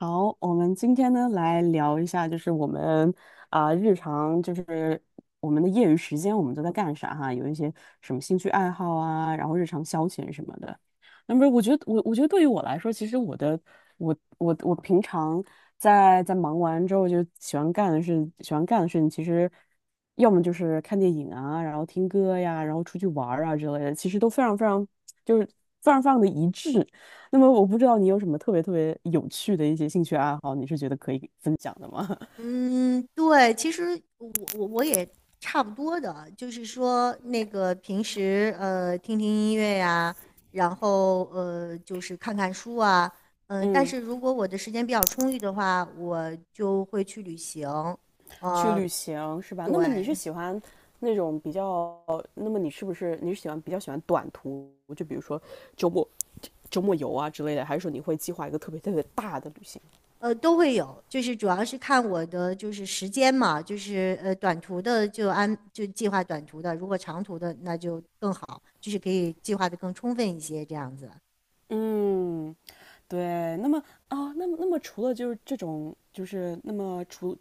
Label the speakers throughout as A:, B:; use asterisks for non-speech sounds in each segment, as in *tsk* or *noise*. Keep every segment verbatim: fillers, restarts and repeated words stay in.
A: 好，我们今天呢来聊一下，就是我们啊、日常就是我们的业余时间我们都在干啥哈，有一些什么兴趣爱好啊，然后日常消遣什么的。那么我觉得我我觉得对于我来说，其实我的我我我平常在在忙完之后就喜欢干的事，喜欢干的事情其实要么就是看电影啊，然后听歌呀，然后出去玩儿啊之类的，其实都非常非常就是非常非常的一致。那么我不知道你有什么特别特别有趣的一些兴趣爱好，你是觉得可以分享的吗？
B: 嗯，对，其实我我我也差不多的，就是说那个平时呃听听音乐呀，然后呃就是看看书啊。
A: *laughs*
B: 嗯，但
A: 嗯，
B: 是如果我的时间比较充裕的话，我就会去旅行。
A: 去
B: 呃，
A: 旅行是吧？那么你是
B: 对。
A: 喜欢那种比较，那么你是不是你是喜欢比较喜欢短途，就比如说周末周末游啊之类的，还是说你会计划一个特别特别大的旅行？
B: 呃都会有，就是主要是看我的就是时间嘛，就是呃短途的就安就计划短途的，如果长途的那就更好，就是可以计划的更充分一些这样子。
A: 嗯，对。那么啊，那么那么除了就是这种，就是那么除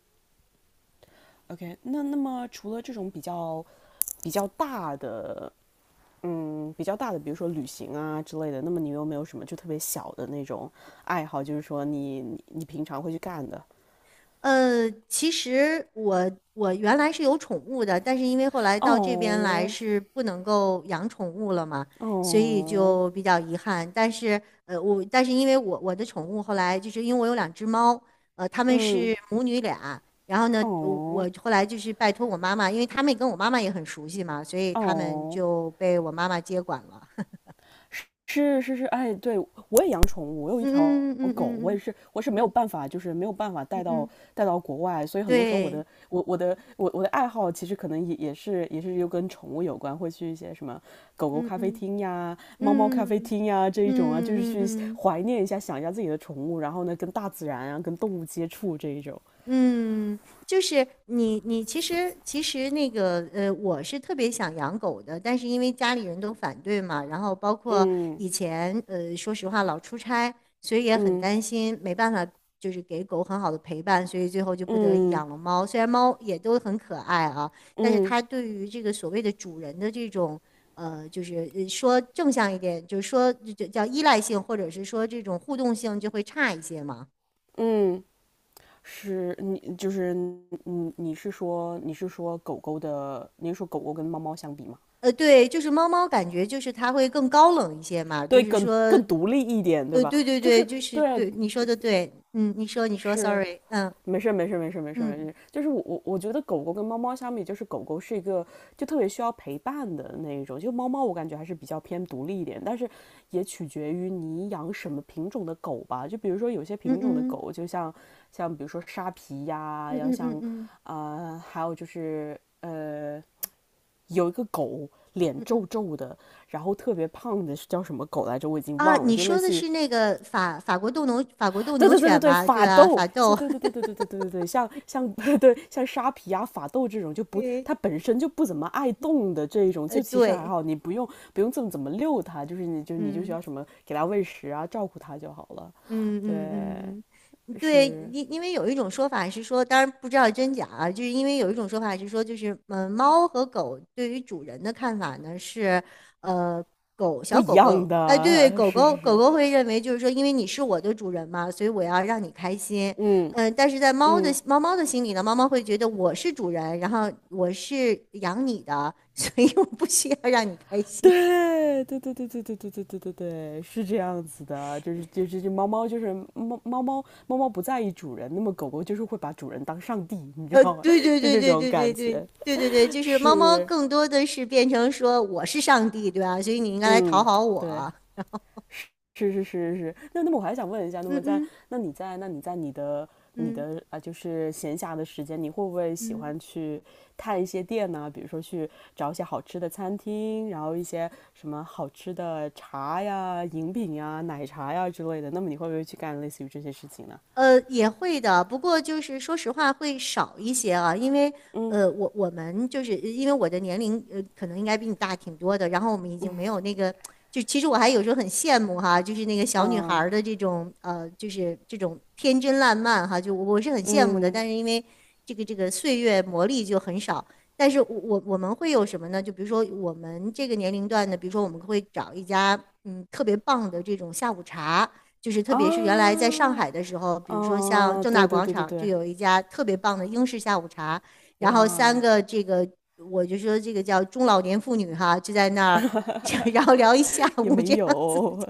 A: OK，那那么除了这种比较比较大的嗯，比较大的，比如说旅行啊之类的，那么你有没有什么就特别小的那种爱好，就是说你你你平常会去干的？
B: 呃，其实我我原来是有宠物的，但是因为后来到这边来
A: 哦
B: 是不能够养宠物了嘛，所以
A: 哦，
B: 就比较遗憾。但是呃，我但是因为我我的宠物后来就是因为我有两只猫。呃，它们
A: 嗯
B: 是母女俩。然后呢，我
A: 哦
B: 我后来就是拜托我妈妈，因为他们跟我妈妈也很熟悉嘛，所以他们
A: 哦。
B: 就被我妈妈接管了。
A: 是是是，哎，对，我也养宠物，我
B: *laughs*
A: 有一条
B: 嗯嗯
A: 狗，我也
B: 嗯嗯
A: 是，我是没有
B: 嗯
A: 办法，就是没有办法
B: 嗯
A: 带
B: 嗯
A: 到
B: 嗯，
A: 带到国外，所以很多时候我
B: 对，
A: 的我我的我我的爱好其实可能也也是也是又跟宠物有关，会去一些什么狗狗
B: 嗯
A: 咖啡
B: 嗯
A: 厅呀、猫猫咖啡
B: 嗯嗯
A: 厅呀这一种啊，
B: 嗯
A: 就是
B: 嗯
A: 去
B: 嗯。
A: 怀念一下、想一下自己的宠物，然后呢跟大自然啊、跟动物接触这一种。
B: 嗯，就是你，你其实其实那个呃，我是特别想养狗的，但是因为家里人都反对嘛，然后包括
A: 嗯
B: 以前呃，说实话老出差，所以也很
A: 嗯
B: 担心，没办法就是给狗很好的陪伴，所以最后就不得已
A: 嗯
B: 养了猫。虽然猫也都很可爱啊，但是
A: 嗯嗯嗯。嗯
B: 它对于这个所谓的主人的这种呃，就是呃说正向一点，就是说就就叫依赖性，或者是说这种互动性就会差一些嘛。
A: 嗯是你就是你你是说你是说狗狗的，你是说狗狗跟猫猫相比吗？
B: 呃，对，就是猫猫感觉就是它会更高冷一些嘛，就
A: 对，
B: 是
A: 更
B: 说，
A: 更独立一点，对
B: 呃，
A: 吧？
B: 对对
A: 就
B: 对，
A: 是
B: 就是
A: 对，
B: 对你说的对。嗯，你说你说
A: 是
B: ，sorry。嗯
A: 没事儿没事儿没事儿没事儿没事
B: 嗯
A: 儿，就是我我我觉得狗狗跟猫猫相比，就是狗狗是一个就特别需要陪伴的那一种，就猫猫我感觉还是比较偏独立一点，但是也取决于你养什么品种的狗吧。就比如说有些品
B: 嗯
A: 种的
B: 嗯
A: 狗，就像像比如说沙皮呀，
B: 嗯
A: 然后
B: 嗯嗯
A: 像
B: 嗯
A: 呃还有就是呃有一个狗脸
B: 嗯
A: 皱
B: 嗯
A: 皱的，然后特别胖的是叫什么狗来着？我已经
B: 啊，
A: 忘了，
B: 你
A: 就类
B: 说的
A: 似于
B: 是那个法法国斗牛法国斗
A: 对
B: 牛
A: 对对对
B: 犬
A: 对，
B: 吧？对
A: 法
B: 啊，
A: 斗，
B: 法斗。
A: 是，对对对
B: *laughs*
A: 对对对对对对，像像对像沙皮啊、法斗这种就不，
B: 对，
A: 它本身就不怎么爱动的这一种，
B: 呃，
A: 就其实还
B: 对。
A: 好，你不用不用这么怎么遛它，就是你就你就需
B: 嗯。
A: 要什么给它喂食啊、照顾它就好了。
B: 嗯嗯
A: 对，
B: 嗯，嗯对，
A: 是
B: 因因为有一种说法是说，当然不知道真假啊，就是因为有一种说法是说，就是嗯，呃猫和狗对于主人的看法呢是，呃，狗
A: 不
B: 小
A: 一
B: 狗狗，
A: 样
B: 哎，对，
A: 的，
B: 狗
A: 是
B: 狗
A: 是
B: 狗
A: 是，
B: 狗会认为就是说，因为你是我的主人嘛，所以我要让你开心。
A: 嗯
B: 嗯，但是在猫的
A: 嗯，
B: 猫猫的心里呢，猫猫会觉得我是主人，然后我是养你的，所以我不需要让你开
A: *laughs*
B: 心。
A: 对对对对对对对对对对对，是这样子的，就是就是就猫猫就是猫猫猫猫猫不在意主人，那么狗狗就是会把主人当上帝，你知
B: 呃，
A: 道吗？
B: 对对
A: *laughs* 就
B: 对
A: 这
B: 对
A: 种
B: 对对
A: 感
B: 对
A: 觉
B: 对对对，就是猫猫
A: 是，
B: 更多的是变成说我是上帝，对吧？所以你应该来讨
A: 嗯，
B: 好
A: 对，
B: 我。
A: 是是是是是，那那么我还想问一下，那
B: 嗯
A: 么在
B: 嗯
A: 那你在那你在你的你
B: 嗯
A: 的啊，就是闲暇的时间，你会不会喜
B: 嗯。
A: 欢去探一些店呢？比如说去找一些好吃的餐厅，然后一些什么好吃的茶呀、饮品呀、奶茶呀之类的。那么你会不会去干类似于这些事情呢？
B: 呃，也会的，不过就是说实话会少一些啊，因为
A: 嗯
B: 呃，我我们就是因为我的年龄呃，可能应该比你大挺多的，然后我们已经没有那个，就其实我还有时候很羡慕哈，就是那个小女孩
A: 嗯
B: 儿的这种呃，就是这种天真烂漫哈，就我我是很羡慕的，
A: 嗯
B: 但是因为这个这个岁月磨砺就很少，但是我我我们会有什么呢？就比如说我们这个年龄段的，比如说我们会找一家嗯特别棒的这种下午茶。就是特别是原来在上
A: 啊
B: 海的时候，比如说像
A: 啊，
B: 正
A: 对
B: 大
A: 对
B: 广
A: 对对
B: 场就
A: 对，
B: 有一家特别棒的英式下午茶，然后三
A: 哇，
B: 个这个我就说这个叫中老年妇女哈，就在那儿。*laughs* 然后聊一下
A: 也
B: 午这
A: 没
B: 样子，
A: 有，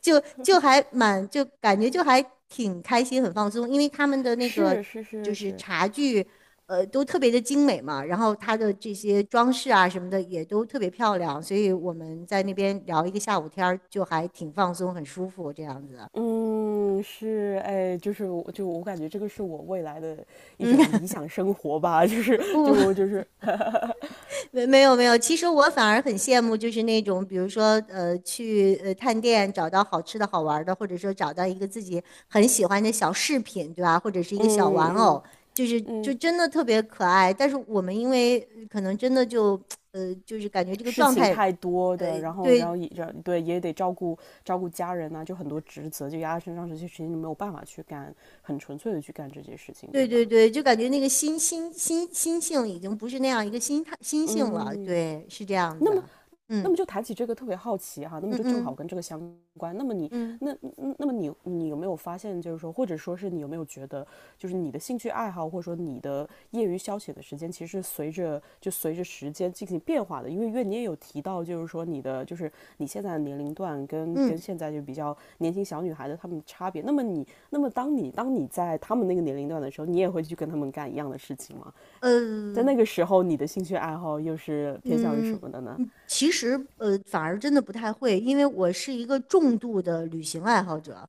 B: 就就还蛮就感觉就还挺开心，很放松，因为他们的
A: *laughs*
B: 那个
A: 是是
B: 就
A: 是
B: 是
A: 是，
B: 茶具。呃，都特别的精美嘛，然后它的这些装饰啊什么的也都特别漂亮，所以我们在那边聊一个下午天儿，就还挺放松，很舒服这样子。
A: 嗯，是，哎，就是我，就我感觉这个是我未来的一
B: 嗯，
A: 种理想生活吧，就是
B: 呃不。
A: 就就是，*laughs*
B: *laughs* 没没有没有，其实我反而很羡慕，就是那种比如说呃去呃探店找到好吃的好玩儿的，或者说找到一个自己很喜欢的小饰品，对吧？或者是一个小玩
A: 嗯嗯
B: 偶，就是就
A: 嗯，
B: 真的特别可爱。但是我们因为呃可能真的就呃就是感觉这个
A: 事
B: 状
A: 情
B: 态，
A: 太多
B: 呃
A: 的，然后然
B: 对
A: 后也这对也得照顾照顾家人呐、就很多职责就压在身上，这些事情就没有办法去干，很纯粹的去干这些事情，
B: 对
A: 对
B: 对
A: 吧？
B: 对，就感觉那个心心心心性已经不是那样一个心态心性了，
A: 嗯，
B: 对，是这样
A: 那
B: 子。
A: 么。那
B: 嗯
A: 么就谈起这个特别好奇哈、啊那么
B: 嗯
A: 就正好
B: 嗯
A: 跟这个相关。那么你
B: 嗯
A: 那嗯那么你你有没有发现，就是说，或者说是你有没有觉得，就是你的兴趣爱好，或者说你的业余消遣的时间，其实随着就随着时间进行变化的？因为因为你也有提到，就是说你的就是你现在的年龄段跟跟
B: 嗯。
A: 现在就比较年轻小女孩的她们的差别。那么你那么当你当你在她们那个年龄段的时候，你也会去跟她们干一样的事情吗？在
B: 呃。
A: 那个时候，你的兴趣爱好又是偏向于什
B: 嗯，
A: 么的呢？
B: 嗯其实呃，反而真的不太会，因为我是一个重度的旅行爱好者。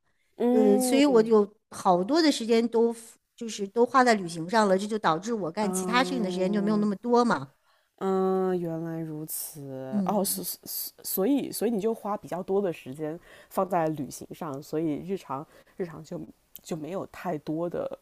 B: 呃，所以我
A: 嗯，
B: 有好多的时间都 f- 就是都花在旅行上了，这就导致我干其他事情的时间就没有那
A: 嗯
B: 么多嘛。
A: 嗯，原来如此。哦，
B: 嗯
A: 所所所以所以你就花比较多的时间放在旅行上，所以日常日常就就没有太多的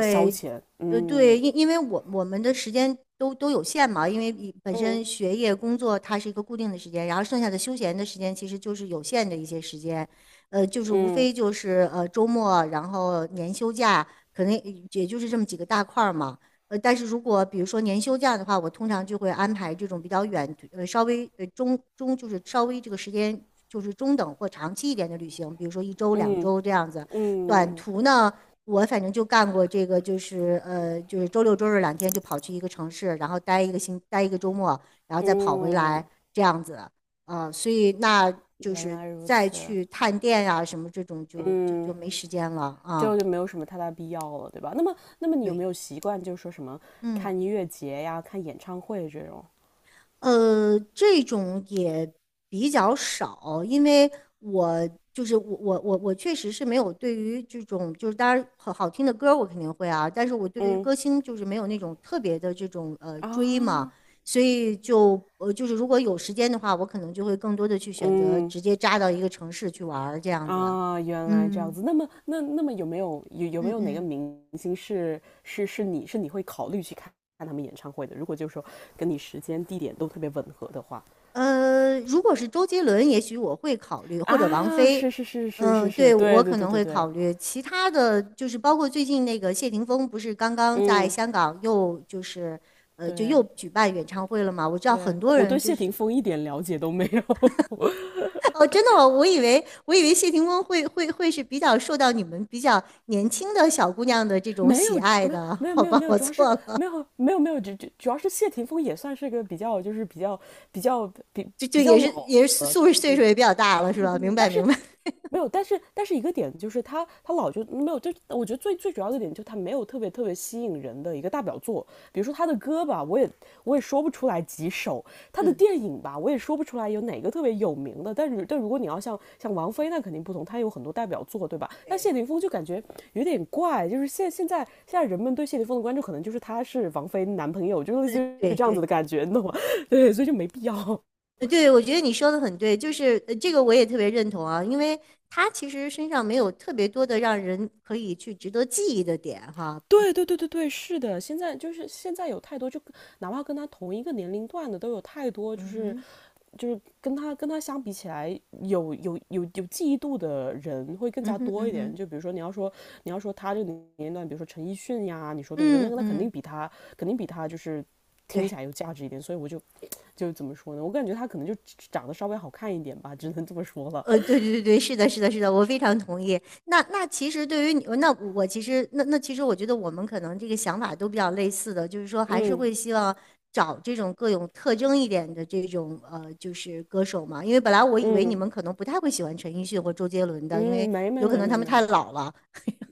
A: 消遣。
B: 呃，对，
A: 嗯
B: 因因为我我们的时间都都有限嘛，因为你本
A: 嗯
B: 身学业、工作它是一个固定的时间，然后剩下的休闲的时间其实就是有限的一些时间。呃，就是无
A: 嗯
B: 非就是呃周末，然后年休假，可能也就是这么几个大块儿嘛。呃，但是如果比如说年休假的话，我通常就会安排这种比较远，呃，稍微呃中中就是稍微这个时间就是中等或长期一点的旅行，比如说一周、两周这样子。短
A: 嗯
B: 途呢？我反正就干过这个，就是呃，就是周六周日两天就跑去一个城市，然后待一个星，待一个周末，然后再跑回来
A: 嗯，
B: 这样子。呃，所以那就
A: 原
B: 是
A: 来如
B: 再
A: 此。
B: 去探店呀、啊什么这种就就就
A: 嗯，
B: 没时间了啊。
A: 就
B: 嗯
A: 就没有什么太大必要了，对吧？那么那么你有没
B: 对，
A: 有习惯，就是说什么
B: 嗯。
A: 看音乐节呀、看演唱会这种？
B: 呃，这种也比较少，因为我就是我我我我确实是没有对于这种就是当然好好听的歌我肯定会啊，但是我对于
A: 嗯
B: 歌星就是没有那种特别的这种呃追嘛，
A: 啊，
B: 所以就呃就是如果有时间的话，我可能就会更多的去选择
A: 嗯
B: 直接扎到一个城市去玩儿这样子。
A: 啊，原来这样
B: 嗯
A: 子。那么，那那么有没有有有没
B: 嗯
A: 有哪个
B: 嗯。
A: 明星是是是你是你会考虑去看看他们演唱会的？如果就是说跟你时间地点都特别吻合的话，
B: 呃，如果是周杰伦，也许我会考虑，或者王
A: 啊，
B: 菲。
A: 是是是是是
B: 嗯，
A: 是，
B: 对，我
A: 对对
B: 可
A: 对
B: 能
A: 对
B: 会考
A: 对，
B: 虑。其他的就是包括最近那个谢霆锋，不是刚刚在
A: 嗯，
B: 香港又就是呃，就又
A: 对
B: 举办演唱会了嘛？我知道很
A: 对，
B: 多
A: 我
B: 人
A: 对
B: 就
A: 谢霆
B: 是
A: 锋一点了解都没有，
B: *laughs* 哦，真的吗？我以为我以为谢霆锋会会会是比较受到你们比较年轻的小姑娘的这
A: *laughs*
B: 种
A: 没有
B: 喜爱
A: 没有
B: 的，
A: 没有
B: 好
A: 没有
B: 吧，
A: 没有，
B: 我
A: 主要是
B: 错了，
A: 没有没有没有，主主主要是谢霆锋也算是个比较就是比较比较比
B: 就就
A: 比较
B: 也是
A: 老
B: 也是岁数岁数也比较大了，是吧？明
A: 的。
B: 白
A: 但
B: 明
A: 是
B: 白。
A: 没有，但是但是一个点就是他他老就没有，就我觉得最最主要的点就是他没有特别特别吸引人的一个大表作，比如说他的歌吧，我也我也说不出来几首，他的
B: 嗯，
A: 电影吧，我也说不出来有哪个特别有名的，但是但如果你要像像王菲那肯定不同，他有很多代表作，对吧？但谢
B: 对
A: 霆锋就感觉有点怪，就是现现在现在人们对谢霆锋的关注可能就是他是王菲男朋友，就是类似于
B: 对
A: 这样子
B: 对
A: 的感觉，你懂吗？*laughs* 对，所以就没必要。
B: 呃，对，我觉得你说的很对，就是呃这个我也特别认同啊，因为他其实身上没有特别多的让人可以去值得记忆的点哈。
A: 对对对对对，是的，现在就是现在有太多，就哪怕跟他同一个年龄段的，都有太多，就
B: 嗯
A: 是
B: 哼，
A: 就是跟他跟他相比起来，有有有有记忆度的人会更
B: 嗯
A: 加
B: 哼，
A: 多
B: 嗯
A: 一点。
B: 哼，
A: 就比如说你要说你要说他这个年龄段，比如说陈奕迅呀，你说对不对？那
B: 嗯
A: 个那肯
B: 嗯，
A: 定比他肯定比他就是听
B: 对。
A: 起来有价值一点。所以我就 *tsk* 就怎么说呢？我感觉他可能就长得稍微好看一点吧，只能这么说了。*laughs*
B: 呃，对对对对，是的，是的，是的，我非常同意。那那其实对于你，那我其实那那其实我觉得我们可能这个想法都比较类似的，就是说还是
A: 嗯
B: 会希望找这种各有特征一点的这种呃，就是歌手嘛。因为本来我以为你
A: 嗯
B: 们可能不太会喜欢陈奕迅或周杰伦的，因为
A: 嗯，没没
B: 有可
A: 没
B: 能
A: 没
B: 他们太
A: 没。
B: 老了。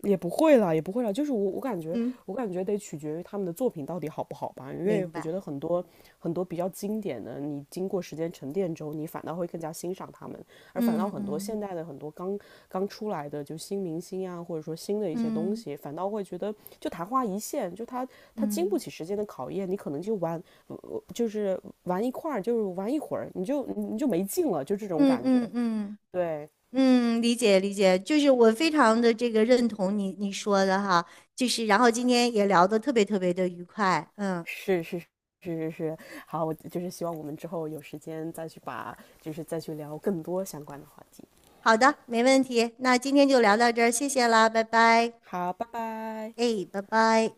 A: 也不会啦，也不会啦，就是我我感觉，
B: 嗯，
A: 我感觉得取决于他们的作品到底好不好吧，因为
B: 明
A: 我觉得
B: 白。
A: 很多很多比较经典的，你经过时间沉淀之后，你反倒会更加欣赏他们，而反
B: 嗯
A: 倒很多
B: 嗯
A: 现代的很多刚刚出来的就新明星啊，或者说新的一些东
B: 嗯
A: 西，反倒会觉得就昙花一现，就他他经不
B: 嗯
A: 起时间的考验，你可能就玩，呃就是玩一块儿，就是玩一会儿，你就你就没劲了，就这种
B: 嗯
A: 感
B: 嗯
A: 觉，
B: 嗯。嗯嗯
A: 对。
B: 嗯，理解理解，就是我非常的这个认同你你说的哈，就是然后今天也聊得特别特别的愉快。嗯，
A: 是是是是是，好，我就是希望我们之后有时间再去把，就是再去聊更多相关的话题。
B: 好的，没问题，那今天就聊到这儿，谢谢啦，拜拜。
A: 好，拜拜。
B: 哎，拜拜。